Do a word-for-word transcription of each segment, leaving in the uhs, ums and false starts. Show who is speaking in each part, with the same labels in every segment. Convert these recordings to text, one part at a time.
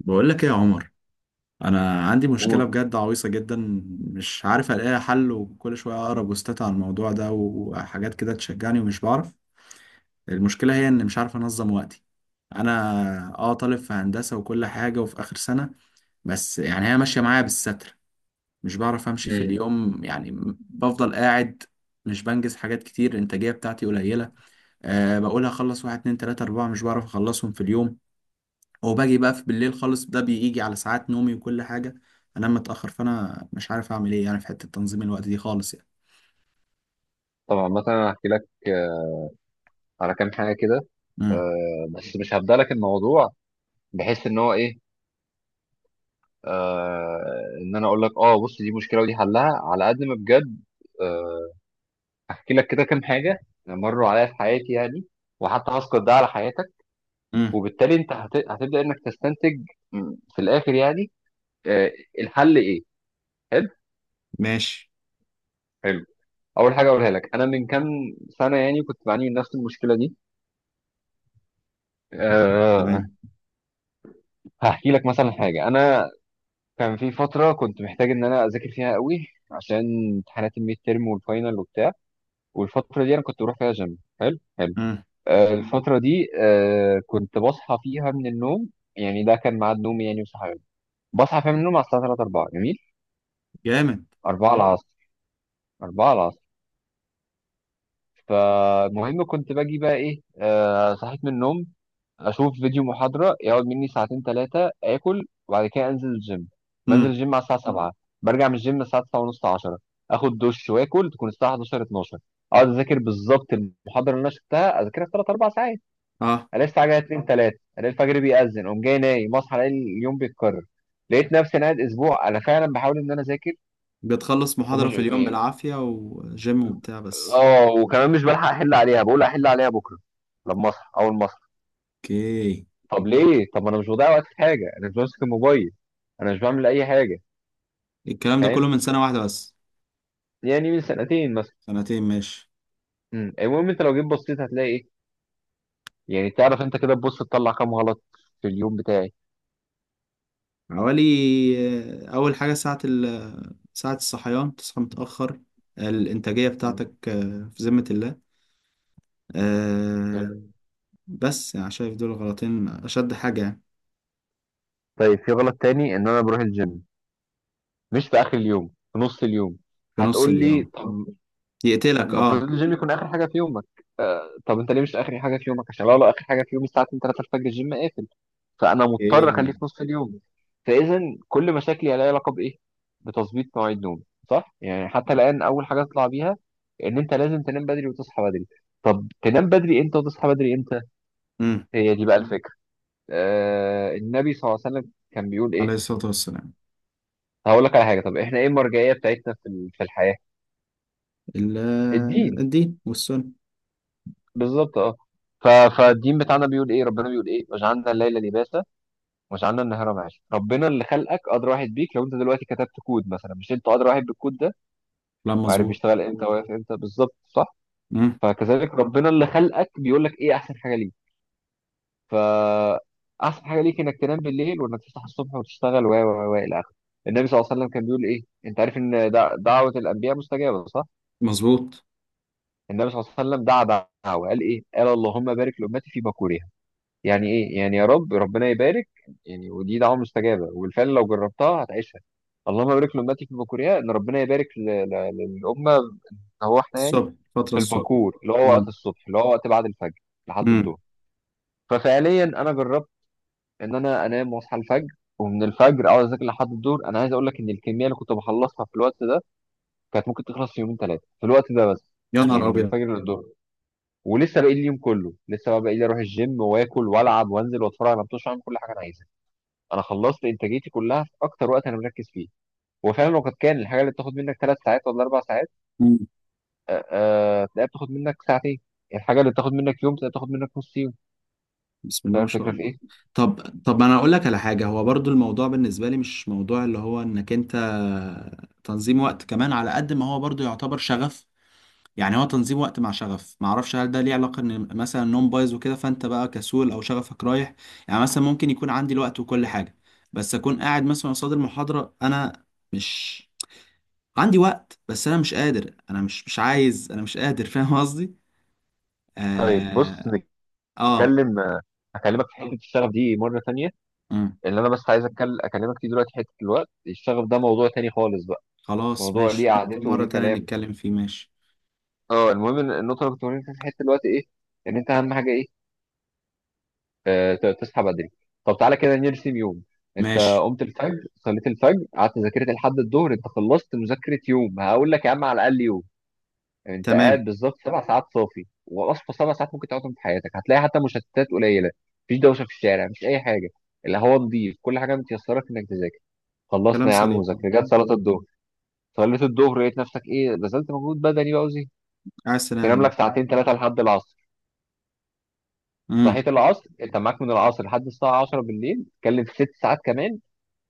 Speaker 1: بقول لك ايه يا عمر؟ انا عندي مشكله
Speaker 2: قول.
Speaker 1: بجد عويصه جدا. مش عارف الاقي حل، وكل شويه اقرا بوستات عن الموضوع ده وحاجات كده تشجعني ومش بعرف. المشكله هي ان مش عارف انظم وقتي. انا اه طالب في هندسه وكل حاجه وفي اخر سنه. بس يعني هي ماشيه معايا بالستر. مش بعرف امشي في
Speaker 2: مم.
Speaker 1: اليوم يعني. بفضل قاعد. مش بنجز حاجات كتير، الانتاجيه بتاعتي قليله. أه بقول هخلص واحد اتنين تلاته اربعه، مش بعرف اخلصهم في اليوم. وباجي بقى في بالليل خالص، ده بيجي على ساعات نومي وكل حاجة. انام متأخر، فانا مش عارف اعمل ايه يعني في حتة تنظيم الوقت دي خالص يعني.
Speaker 2: طبعا مثلا هحكي لك آه، على كام حاجه كده.
Speaker 1: امم.
Speaker 2: آه، بس مش هبدأ لك الموضوع بحيث ان هو ايه. آه، ان انا اقول لك اه بص دي مشكله ودي حلها على قد ما بجد. آه، هحكي لك كده كام حاجه مروا عليا في حياتي يعني، وحتى هسقط ده على حياتك،
Speaker 1: امم.
Speaker 2: وبالتالي انت هت... هتبدا انك تستنتج م، في الاخر يعني. آه، الحل ايه؟ حلو،
Speaker 1: ماشي.
Speaker 2: حلو. اول حاجه اقولها لك، انا من كام سنه يعني كنت بعاني من نفس المشكله دي أه
Speaker 1: تمام.
Speaker 2: هحكي لك مثلا حاجه. انا كان في فترة كنت محتاج إن أنا أذاكر فيها قوي عشان امتحانات الميد تيرم والفاينل وبتاع. والفترة دي أنا كنت بروح فيها جيم حلو حلو.
Speaker 1: امم.
Speaker 2: آه الفترة دي آه كنت بصحى فيها من النوم، يعني ده كان ميعاد نومي يعني وصحيان، بصحى فيها من النوم على الساعة ثلاثة أربعة، جميل.
Speaker 1: جامد.
Speaker 2: اربعه العصر، أربعة العصر. فالمهم كنت باجي بقى إيه، آه صحيت من النوم، اشوف فيديو محاضره يقعد مني ساعتين ثلاثه، اكل، وبعد كده انزل الجيم. بنزل
Speaker 1: امم.
Speaker 2: الجيم على الساعه سبعة، برجع من الجيم الساعه تسعة ونص عشرة، اخد دش واكل تكون الساعه احد عشر اثنا عشر، اقعد اذاكر بالظبط المحاضره اللي انا شفتها، اذاكرها في ثلاثة اربع ساعات.
Speaker 1: اه.
Speaker 2: الاقي الساعه جايه اتنين ثلاثة، الاقي الفجر بيأذن، اقوم جاي نايم، اصحى الاقي اليوم بيتكرر. لقيت نفسي انا قاعد اسبوع انا فعلا بحاول ان انا اذاكر
Speaker 1: بتخلص محاضرة
Speaker 2: ومش
Speaker 1: في اليوم بالعافية وجيم وبتاع بس.
Speaker 2: اه وكمان مش بلحق احل عليها، بقول احل عليها بكره لما اصحى، اول ما اصحى.
Speaker 1: اوكي.
Speaker 2: طب ليه؟ طب ما انا مش بضيع وقت في حاجه، انا مش بمسك الموبايل، انا مش بعمل اي حاجه.
Speaker 1: الكلام ده كله
Speaker 2: فاهم.
Speaker 1: من سنة واحدة بس؟
Speaker 2: يعني من سنتين مثلا.
Speaker 1: سنتين، ماشي.
Speaker 2: أمم، المهم انت لو جيت بصيت هتلاقي ايه. يعني تعرف انت كده تبص تطلع كام غلط في اليوم بتاعي.
Speaker 1: حوالي. آه، أول حاجة ساعة ال ساعة الصحيان، تصحى متأخر. الإنتاجية بتاعتك آه، في ذمة الله. آه.
Speaker 2: أمم.
Speaker 1: بس انا شايف دول غلطين، اشد حاجة يعني.
Speaker 2: طيب، في غلط تاني، ان انا بروح الجيم مش في اخر اليوم، في نص اليوم.
Speaker 1: في نص
Speaker 2: هتقول لي
Speaker 1: اليوم.
Speaker 2: طب
Speaker 1: يقتلك
Speaker 2: المفروض
Speaker 1: اه.
Speaker 2: الجيم يكون اخر حاجه في يومك. آه طب انت ليه مش اخر حاجه في يومك؟ عشان لو لو اخر حاجه في يومي الساعه اتنين ثلاثه الفجر، الجيم قافل، فانا مضطر اخليه
Speaker 1: ايه.
Speaker 2: في نص اليوم. فاذا كل مشاكلي لها علاقه بايه؟ بتظبيط مواعيد نومي، صح؟ يعني حتى الان اول حاجه اطلع بيها، ان انت لازم تنام بدري وتصحى بدري. طب تنام بدري امتى وتصحى بدري امتى؟
Speaker 1: امم.
Speaker 2: هي دي بقى الفكره. آه النبي صلى الله عليه وسلم كان بيقول
Speaker 1: عليه
Speaker 2: ايه؟
Speaker 1: الصلاة والسلام.
Speaker 2: هقول لك على حاجه. طب احنا ايه المرجعيه بتاعتنا في ال- في الحياه؟
Speaker 1: ال- آه،
Speaker 2: الدين.
Speaker 1: الدين والسنة.
Speaker 2: بالظبط اه. ف- فالدين بتاعنا بيقول ايه؟ ربنا بيقول ايه؟ وجعلنا الليل لباسا وجعلنا النهار معاشا. ربنا اللي خلقك ادرى واحد بيك. لو انت دلوقتي كتبت كود مثلا، مش انت ادرى واحد بالكود ده
Speaker 1: لا،
Speaker 2: وعارف
Speaker 1: مظبوط.
Speaker 2: بيشتغل امتى مم. واقف امتى بالظبط؟ صح.
Speaker 1: امم.
Speaker 2: فكذلك ربنا اللي خلقك بيقول لك ايه احسن حاجه ليك. ف احسن حاجه ليك انك تنام بالليل وانك تصحى الصبح وتشتغل و و و الى اخره. النبي صلى الله عليه وسلم كان بيقول ايه؟ انت عارف ان دع- دعوه الانبياء مستجابه، صح؟
Speaker 1: مظبوط.
Speaker 2: النبي صلى الله عليه وسلم دعا دعوه، قال ايه؟ قال اللهم بارك لامتي في بكورها. يعني ايه؟ يعني يا رب ربنا يبارك. يعني ودي دعوه مستجابه، وبالفعل لو جربتها هتعيشها. اللهم بارك لامتي في بكورها، ان ربنا يبارك ل- ل- للامه. هو احنا يعني
Speaker 1: الصبح فترة
Speaker 2: في
Speaker 1: الصبح.
Speaker 2: الباكور اللي هو وقت
Speaker 1: امم.
Speaker 2: الصبح، اللي هو وقت بعد الفجر لحد
Speaker 1: امم.
Speaker 2: الظهر. ففعليا انا جربت ان انا انام واصحى الفجر، ومن الفجر اقعد اذاكر لحد الظهر. انا عايز اقول لك ان الكميه اللي كنت بخلصها في الوقت ده كانت ممكن تخلص في يومين ثلاثه، في الوقت ده بس.
Speaker 1: يا نهار
Speaker 2: يعني من
Speaker 1: أبيض.
Speaker 2: الفجر للظهر، ولسه باقي لي اليوم كله. لسه بقى باقي لي اروح الجيم واكل والعب وانزل واتفرج على ماتش، اعمل كل حاجه انا عايزها. انا خلصت انتاجيتي كلها في اكتر وقت انا مركز فيه. وفعلا لو كانت كان الحاجه اللي بتاخد منك ثلاث ساعات ولا اربع ساعات،
Speaker 1: امم.
Speaker 2: آه، آه، تلاقيها بتاخد منك ساعتين. الحاجة اللي بتاخد منك يوم تلاقيها بتاخد منك نص يوم.
Speaker 1: بسم الله
Speaker 2: فاهم
Speaker 1: ما شاء
Speaker 2: الفكرة في
Speaker 1: الله.
Speaker 2: ايه؟
Speaker 1: طب. طب أنا أقول لك على حاجة. هو برضو الموضوع بالنسبة لي مش موضوع اللي هو إنك أنت تنظيم وقت، كمان على قد ما هو برضو يعتبر شغف. يعني هو تنظيم وقت مع شغف. ما اعرفش هل ده ليه علاقه ان مثلا النوم بايظ وكده فانت بقى كسول او شغفك رايح؟ يعني مثلا ممكن يكون عندي الوقت وكل حاجه، بس اكون قاعد مثلا قصاد المحاضره انا مش عندي وقت. بس انا مش قادر، انا مش مش عايز، انا مش قادر فاهم قصدي؟
Speaker 2: طيب بص،
Speaker 1: اه. آه.
Speaker 2: نتكلم. آه، هكلمك في حتة الشغف دي مرة تانية.
Speaker 1: مم.
Speaker 2: اللي أنا بس عايز أتكلم أكلمك فيه دلوقتي حتة الوقت. الشغف ده موضوع تاني خالص بقى،
Speaker 1: خلاص
Speaker 2: موضوع ليه
Speaker 1: ماشي، ممكن
Speaker 2: قعدته
Speaker 1: مره
Speaker 2: وليه
Speaker 1: تانية
Speaker 2: كلامه.
Speaker 1: نتكلم فيه، ماشي.
Speaker 2: اه، المهم إن النقطة اللي كنت بقولها في حتة الوقت إيه؟ إن أنت أهم حاجة إيه؟ آه، ت- تصحى بدري. طب تعالى كده نرسم يوم. انت
Speaker 1: ماشي.
Speaker 2: قمت الفجر، صليت الفجر، قعدت ذاكرت لحد الظهر، انت خلصت مذاكره يوم. هقول لك يا عم، على الاقل يوم. انت
Speaker 1: تمام.
Speaker 2: قاعد بالظبط سبع ساعات صافي، واصفى سبع ساعات ممكن تقعدهم في حياتك، هتلاقي حتى مشتتات قليله. مفيش دوشه في الشارع، مفيش اي حاجه، الهواء نضيف، كل حاجه متيسره في انك تذاكر.
Speaker 1: كلام
Speaker 2: خلصنا يا عم
Speaker 1: سليم.
Speaker 2: مذاكره، جت صلاه الظهر. صليت الظهر، لقيت نفسك ايه، بذلت مجهود بدني بقى وزي
Speaker 1: على
Speaker 2: تنام
Speaker 1: السلامه.
Speaker 2: لك ساعتين ثلاثه لحد العصر.
Speaker 1: مم.
Speaker 2: صحيت العصر، انت معاك من العصر لحد الساعه عشره بالليل، تتكلم في ست ساعات كمان.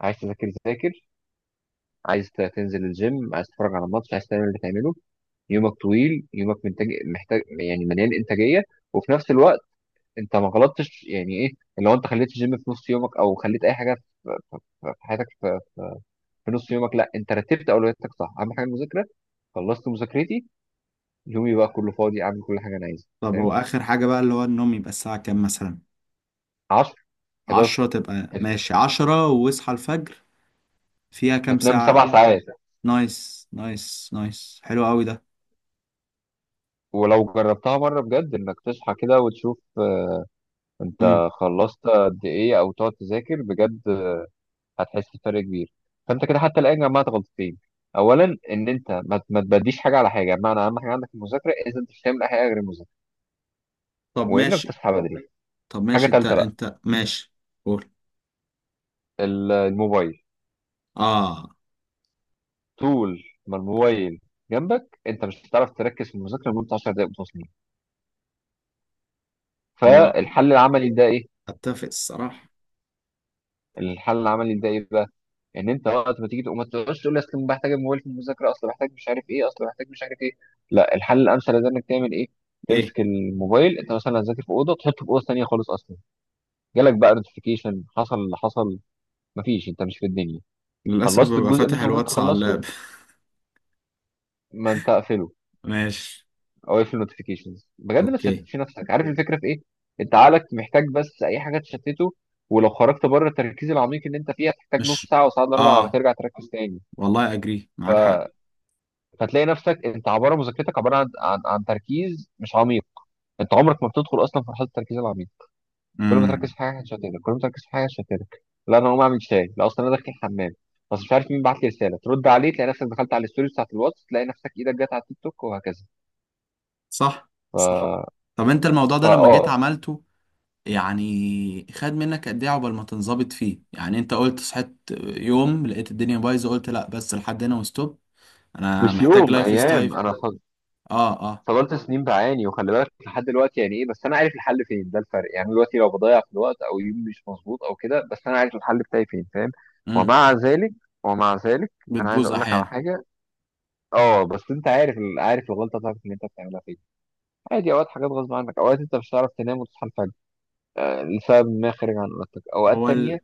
Speaker 2: عايز تذاكر ذاكر، عايز ت- تنزل الجيم، عايز تتفرج على ماتش، عايز تعمل اللي تعمله. يومك طويل، يومك منتج، محتاج يعني مليان انتاجيه. وفي نفس الوقت انت ما غلطتش، يعني ايه؟ لو انت خليت الجيم في نص يومك او خليت اي حاجه في في حياتك في في نص يومك، لا انت رتبت اولوياتك صح. اهم حاجه المذاكره، خلصت مذاكرتي، يومي بقى كله فاضي اعمل كل حاجه انا عايزها.
Speaker 1: طب
Speaker 2: فاهم.
Speaker 1: هو اخر حاجه بقى اللي هو النوم يبقى الساعه كام مثلا؟
Speaker 2: عشره حداشر،
Speaker 1: عشرة؟ تبقى ماشي، عشرة واصحى الفجر. فيها كام
Speaker 2: هتنام
Speaker 1: ساعة؟
Speaker 2: سبع ساعات.
Speaker 1: نايس، نايس، نايس، حلو قوي ده.
Speaker 2: ولو جربتها مره بجد، انك تصحى كده وتشوف آه،
Speaker 1: مم.
Speaker 2: انت خلصت قد ايه، او تقعد تذاكر بجد، هتحس بفرق كبير. فانت كده حتى الان جمعت غلطتين: اولا ان انت ما ما تبديش حاجه على حاجه، بمعنى اهم حاجه عندك المذاكره، اذا انت مش هتعمل اي حاجه غير المذاكره.
Speaker 1: طب
Speaker 2: وانك
Speaker 1: ماشي.
Speaker 2: تصحى بدري.
Speaker 1: طب
Speaker 2: حاجه
Speaker 1: ماشي، انت
Speaker 2: ثالثه بقى:
Speaker 1: انت ماشي. قول.
Speaker 2: ال- الموبايل.
Speaker 1: اه.
Speaker 2: طول ما الموبايل جنبك انت مش هتعرف تركز في المذاكره لمده عشر دقائق متواصلين.
Speaker 1: هو
Speaker 2: فالحل العملي ده ايه؟
Speaker 1: اتفق الصراحة.
Speaker 2: الحل العملي ده ايه بقى؟ ان انت وقت ما تيجي تقوم ما تقعدش تقول لي اصل بحتاج الموبايل في المذاكره، اصل بحتاج مش عارف ايه، اصل بحتاج مش عارف ايه. لا، الحل الامثل ده انك تعمل ايه؟
Speaker 1: ايه.
Speaker 2: تمسك الموبايل، انت مثلا هتذاكر في اوضه، تحطه في اوضه ثانيه خالص اصلا. جالك بقى نوتيفيكيشن حصل اللي حصل، مفيش، انت مش في الدنيا.
Speaker 1: للأسف
Speaker 2: خلصت
Speaker 1: ببقى
Speaker 2: الجزء اللي
Speaker 1: فاتح
Speaker 2: انت المفروض
Speaker 1: الواتس على
Speaker 2: تخلصه،
Speaker 1: اللاب.
Speaker 2: ما انت اقفله،
Speaker 1: ماشي.
Speaker 2: او اقفل النوتيفيكيشنز، بجد ما
Speaker 1: اوكي.
Speaker 2: تشتتش نفسك. عارف الفكره في ايه؟ انت عقلك محتاج بس اي حاجه تشتته، ولو خرجت بره التركيز العميق اللي انت فيه هتحتاج
Speaker 1: مش
Speaker 2: نص ساعه وساعه الا ربع على ما
Speaker 1: اه،
Speaker 2: ترجع تركز تاني.
Speaker 1: والله اجري معاك حق.
Speaker 2: فتلاقي نفسك انت، عباره مذاكرتك عباره عن عن, عن تركيز مش عميق. انت عمرك ما بتدخل اصلا في مرحله التركيز العميق. كل ما تركز
Speaker 1: امم.
Speaker 2: في حاجه هتشتتك، كل ما تركز في حاجه هتشتتك. لا انا هقوم اعمل شاي، لا اصلا انا داخل الحمام، بس مش عارف مين بعت لي رساله ترد عليه، تلاقي نفسك دخلت على الستوري بتاعت الواتس، تلاقي نفسك ايدك جت على التيك توك، وهكذا.
Speaker 1: صح.
Speaker 2: ف...
Speaker 1: صح. طب انت الموضوع ده
Speaker 2: فا
Speaker 1: لما جيت
Speaker 2: اه
Speaker 1: عملته يعني، خد منك قد ايه عقبال ما تنظبط فيه؟ يعني انت قلت صحيت يوم لقيت الدنيا بايظه قلت لا بس لحد هنا وستوب، انا
Speaker 2: مش
Speaker 1: محتاج
Speaker 2: يوم،
Speaker 1: لايف
Speaker 2: ايام.
Speaker 1: ستايل.
Speaker 2: انا
Speaker 1: اه، اه.
Speaker 2: فضلت سنين بعاني، وخلي بالك لحد دلوقتي يعني ايه، بس انا عارف الحل فين، ده الفرق. يعني دلوقتي لو بضيع في الوقت او يوم مش مظبوط او كده، بس انا عارف الحل بتاعي فين. فاهم.
Speaker 1: امم.
Speaker 2: ومع ذلك ومع ذلك انا عايز
Speaker 1: بتبوظ
Speaker 2: اقول لك على
Speaker 1: احيانا.
Speaker 2: حاجه. اه، بس انت عارف ال- عارف الغلطه بتاعتك اللي انت بتعملها فين. عادي، اوقات حاجات غصب عنك، اوقات انت مش هتعرف تنام وتصحى الفجر آه، لسبب ما خارج عن ارادتك، اوقات
Speaker 1: هو
Speaker 2: تانية
Speaker 1: ال...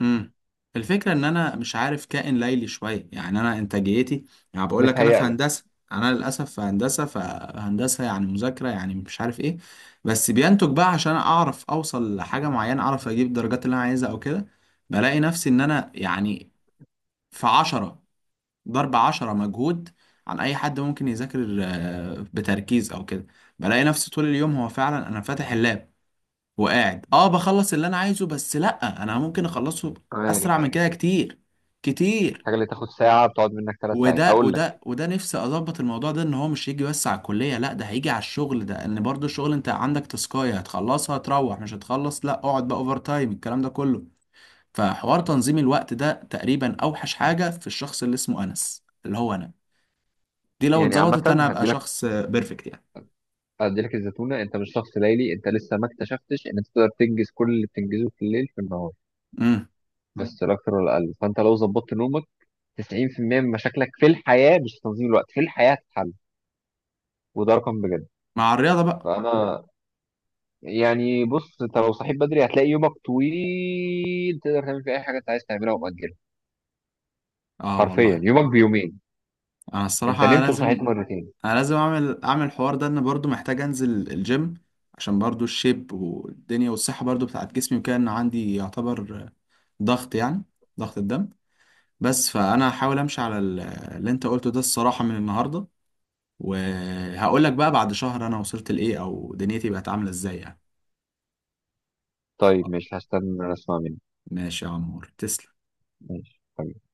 Speaker 1: امم. الفكره ان انا مش عارف، كائن ليلي شويه يعني، انا انتاجيتي، يعني بقول لك انا
Speaker 2: متهيأ
Speaker 1: في
Speaker 2: لك.
Speaker 1: هندسه. انا للاسف في هندسه، فهندسه يعني مذاكره يعني مش عارف ايه. بس بينتج بقى عشان اعرف اوصل لحاجه معينه، اعرف اجيب الدرجات اللي انا عايزها او كده. بلاقي نفسي ان انا يعني في عشرة ضرب عشرة مجهود عن أي حد ممكن يذاكر آه، بتركيز أو كده. بلاقي نفسي طول اليوم هو فعلا أنا فاتح اللاب وقاعد، أه بخلص اللي أنا عايزه. بس لأ، أنا ممكن أخلصه أسرع
Speaker 2: عارف،
Speaker 1: من
Speaker 2: عارف،
Speaker 1: كده كتير، كتير.
Speaker 2: الحاجه اللي تاخد ساعه بتقعد منك ثلاث ساعات.
Speaker 1: وده
Speaker 2: هقول لك
Speaker 1: وده وده نفسي أظبط الموضوع ده. إن هو مش هيجي بس على الكلية، لأ ده هيجي على الشغل. ده إن برضو الشغل أنت عندك تسكاية هتخلصها تروح، مش هتخلص، لأ اقعد بقى أوفر تايم الكلام ده كله. فحوار تنظيم الوقت ده تقريبا أوحش حاجة في الشخص اللي اسمه أنس اللي هو أنا. دي لو
Speaker 2: يعني عامه،
Speaker 1: اتظبطت انا هبقى
Speaker 2: هدي
Speaker 1: شخص بيرفكت يعني.
Speaker 2: اديلك الزتونه: انت مش شخص ليلي، انت لسه ما اكتشفتش ان انت تقدر تنجز كل اللي بتنجزه في الليل في النهار،
Speaker 1: امم.
Speaker 2: بس لا اكتر ولا اقل. فانت لو ظبطت نومك، تسعين في المية من مشاكلك في الحياه، مش في تنظيم الوقت، في الحياه هتتحل، وده رقم بجد.
Speaker 1: مع الرياضه بقى.
Speaker 2: فانا يعني بص، انت لو صحيت بدري هتلاقي يومك طويل، تقدر تعمل فيه اي حاجه انت عايز تعملها ومأجلها.
Speaker 1: اه
Speaker 2: حرفيا
Speaker 1: والله.
Speaker 2: يومك بيومين،
Speaker 1: انا
Speaker 2: انت
Speaker 1: الصراحه
Speaker 2: نمت
Speaker 1: لازم.
Speaker 2: وصحيت مرتين.
Speaker 1: انا لازم اعمل اعمل الحوار ده، ان برضو محتاج انزل الجيم، عشان برضو الشيب والدنيا والصحه برضو بتاعت جسمي وكده، ان عندي يعتبر ضغط يعني، ضغط الدم. بس فانا هحاول امشي على ال- اللي انت قلته ده الصراحه من النهارده. وهقول لك بقى بعد شهر انا وصلت لايه او دنيتي بقت عامله ازاي يعني.
Speaker 2: طيب ماشي، هستنى اسمع منك.
Speaker 1: ماشي يا عمور، تسلم.
Speaker 2: ماشي طيب.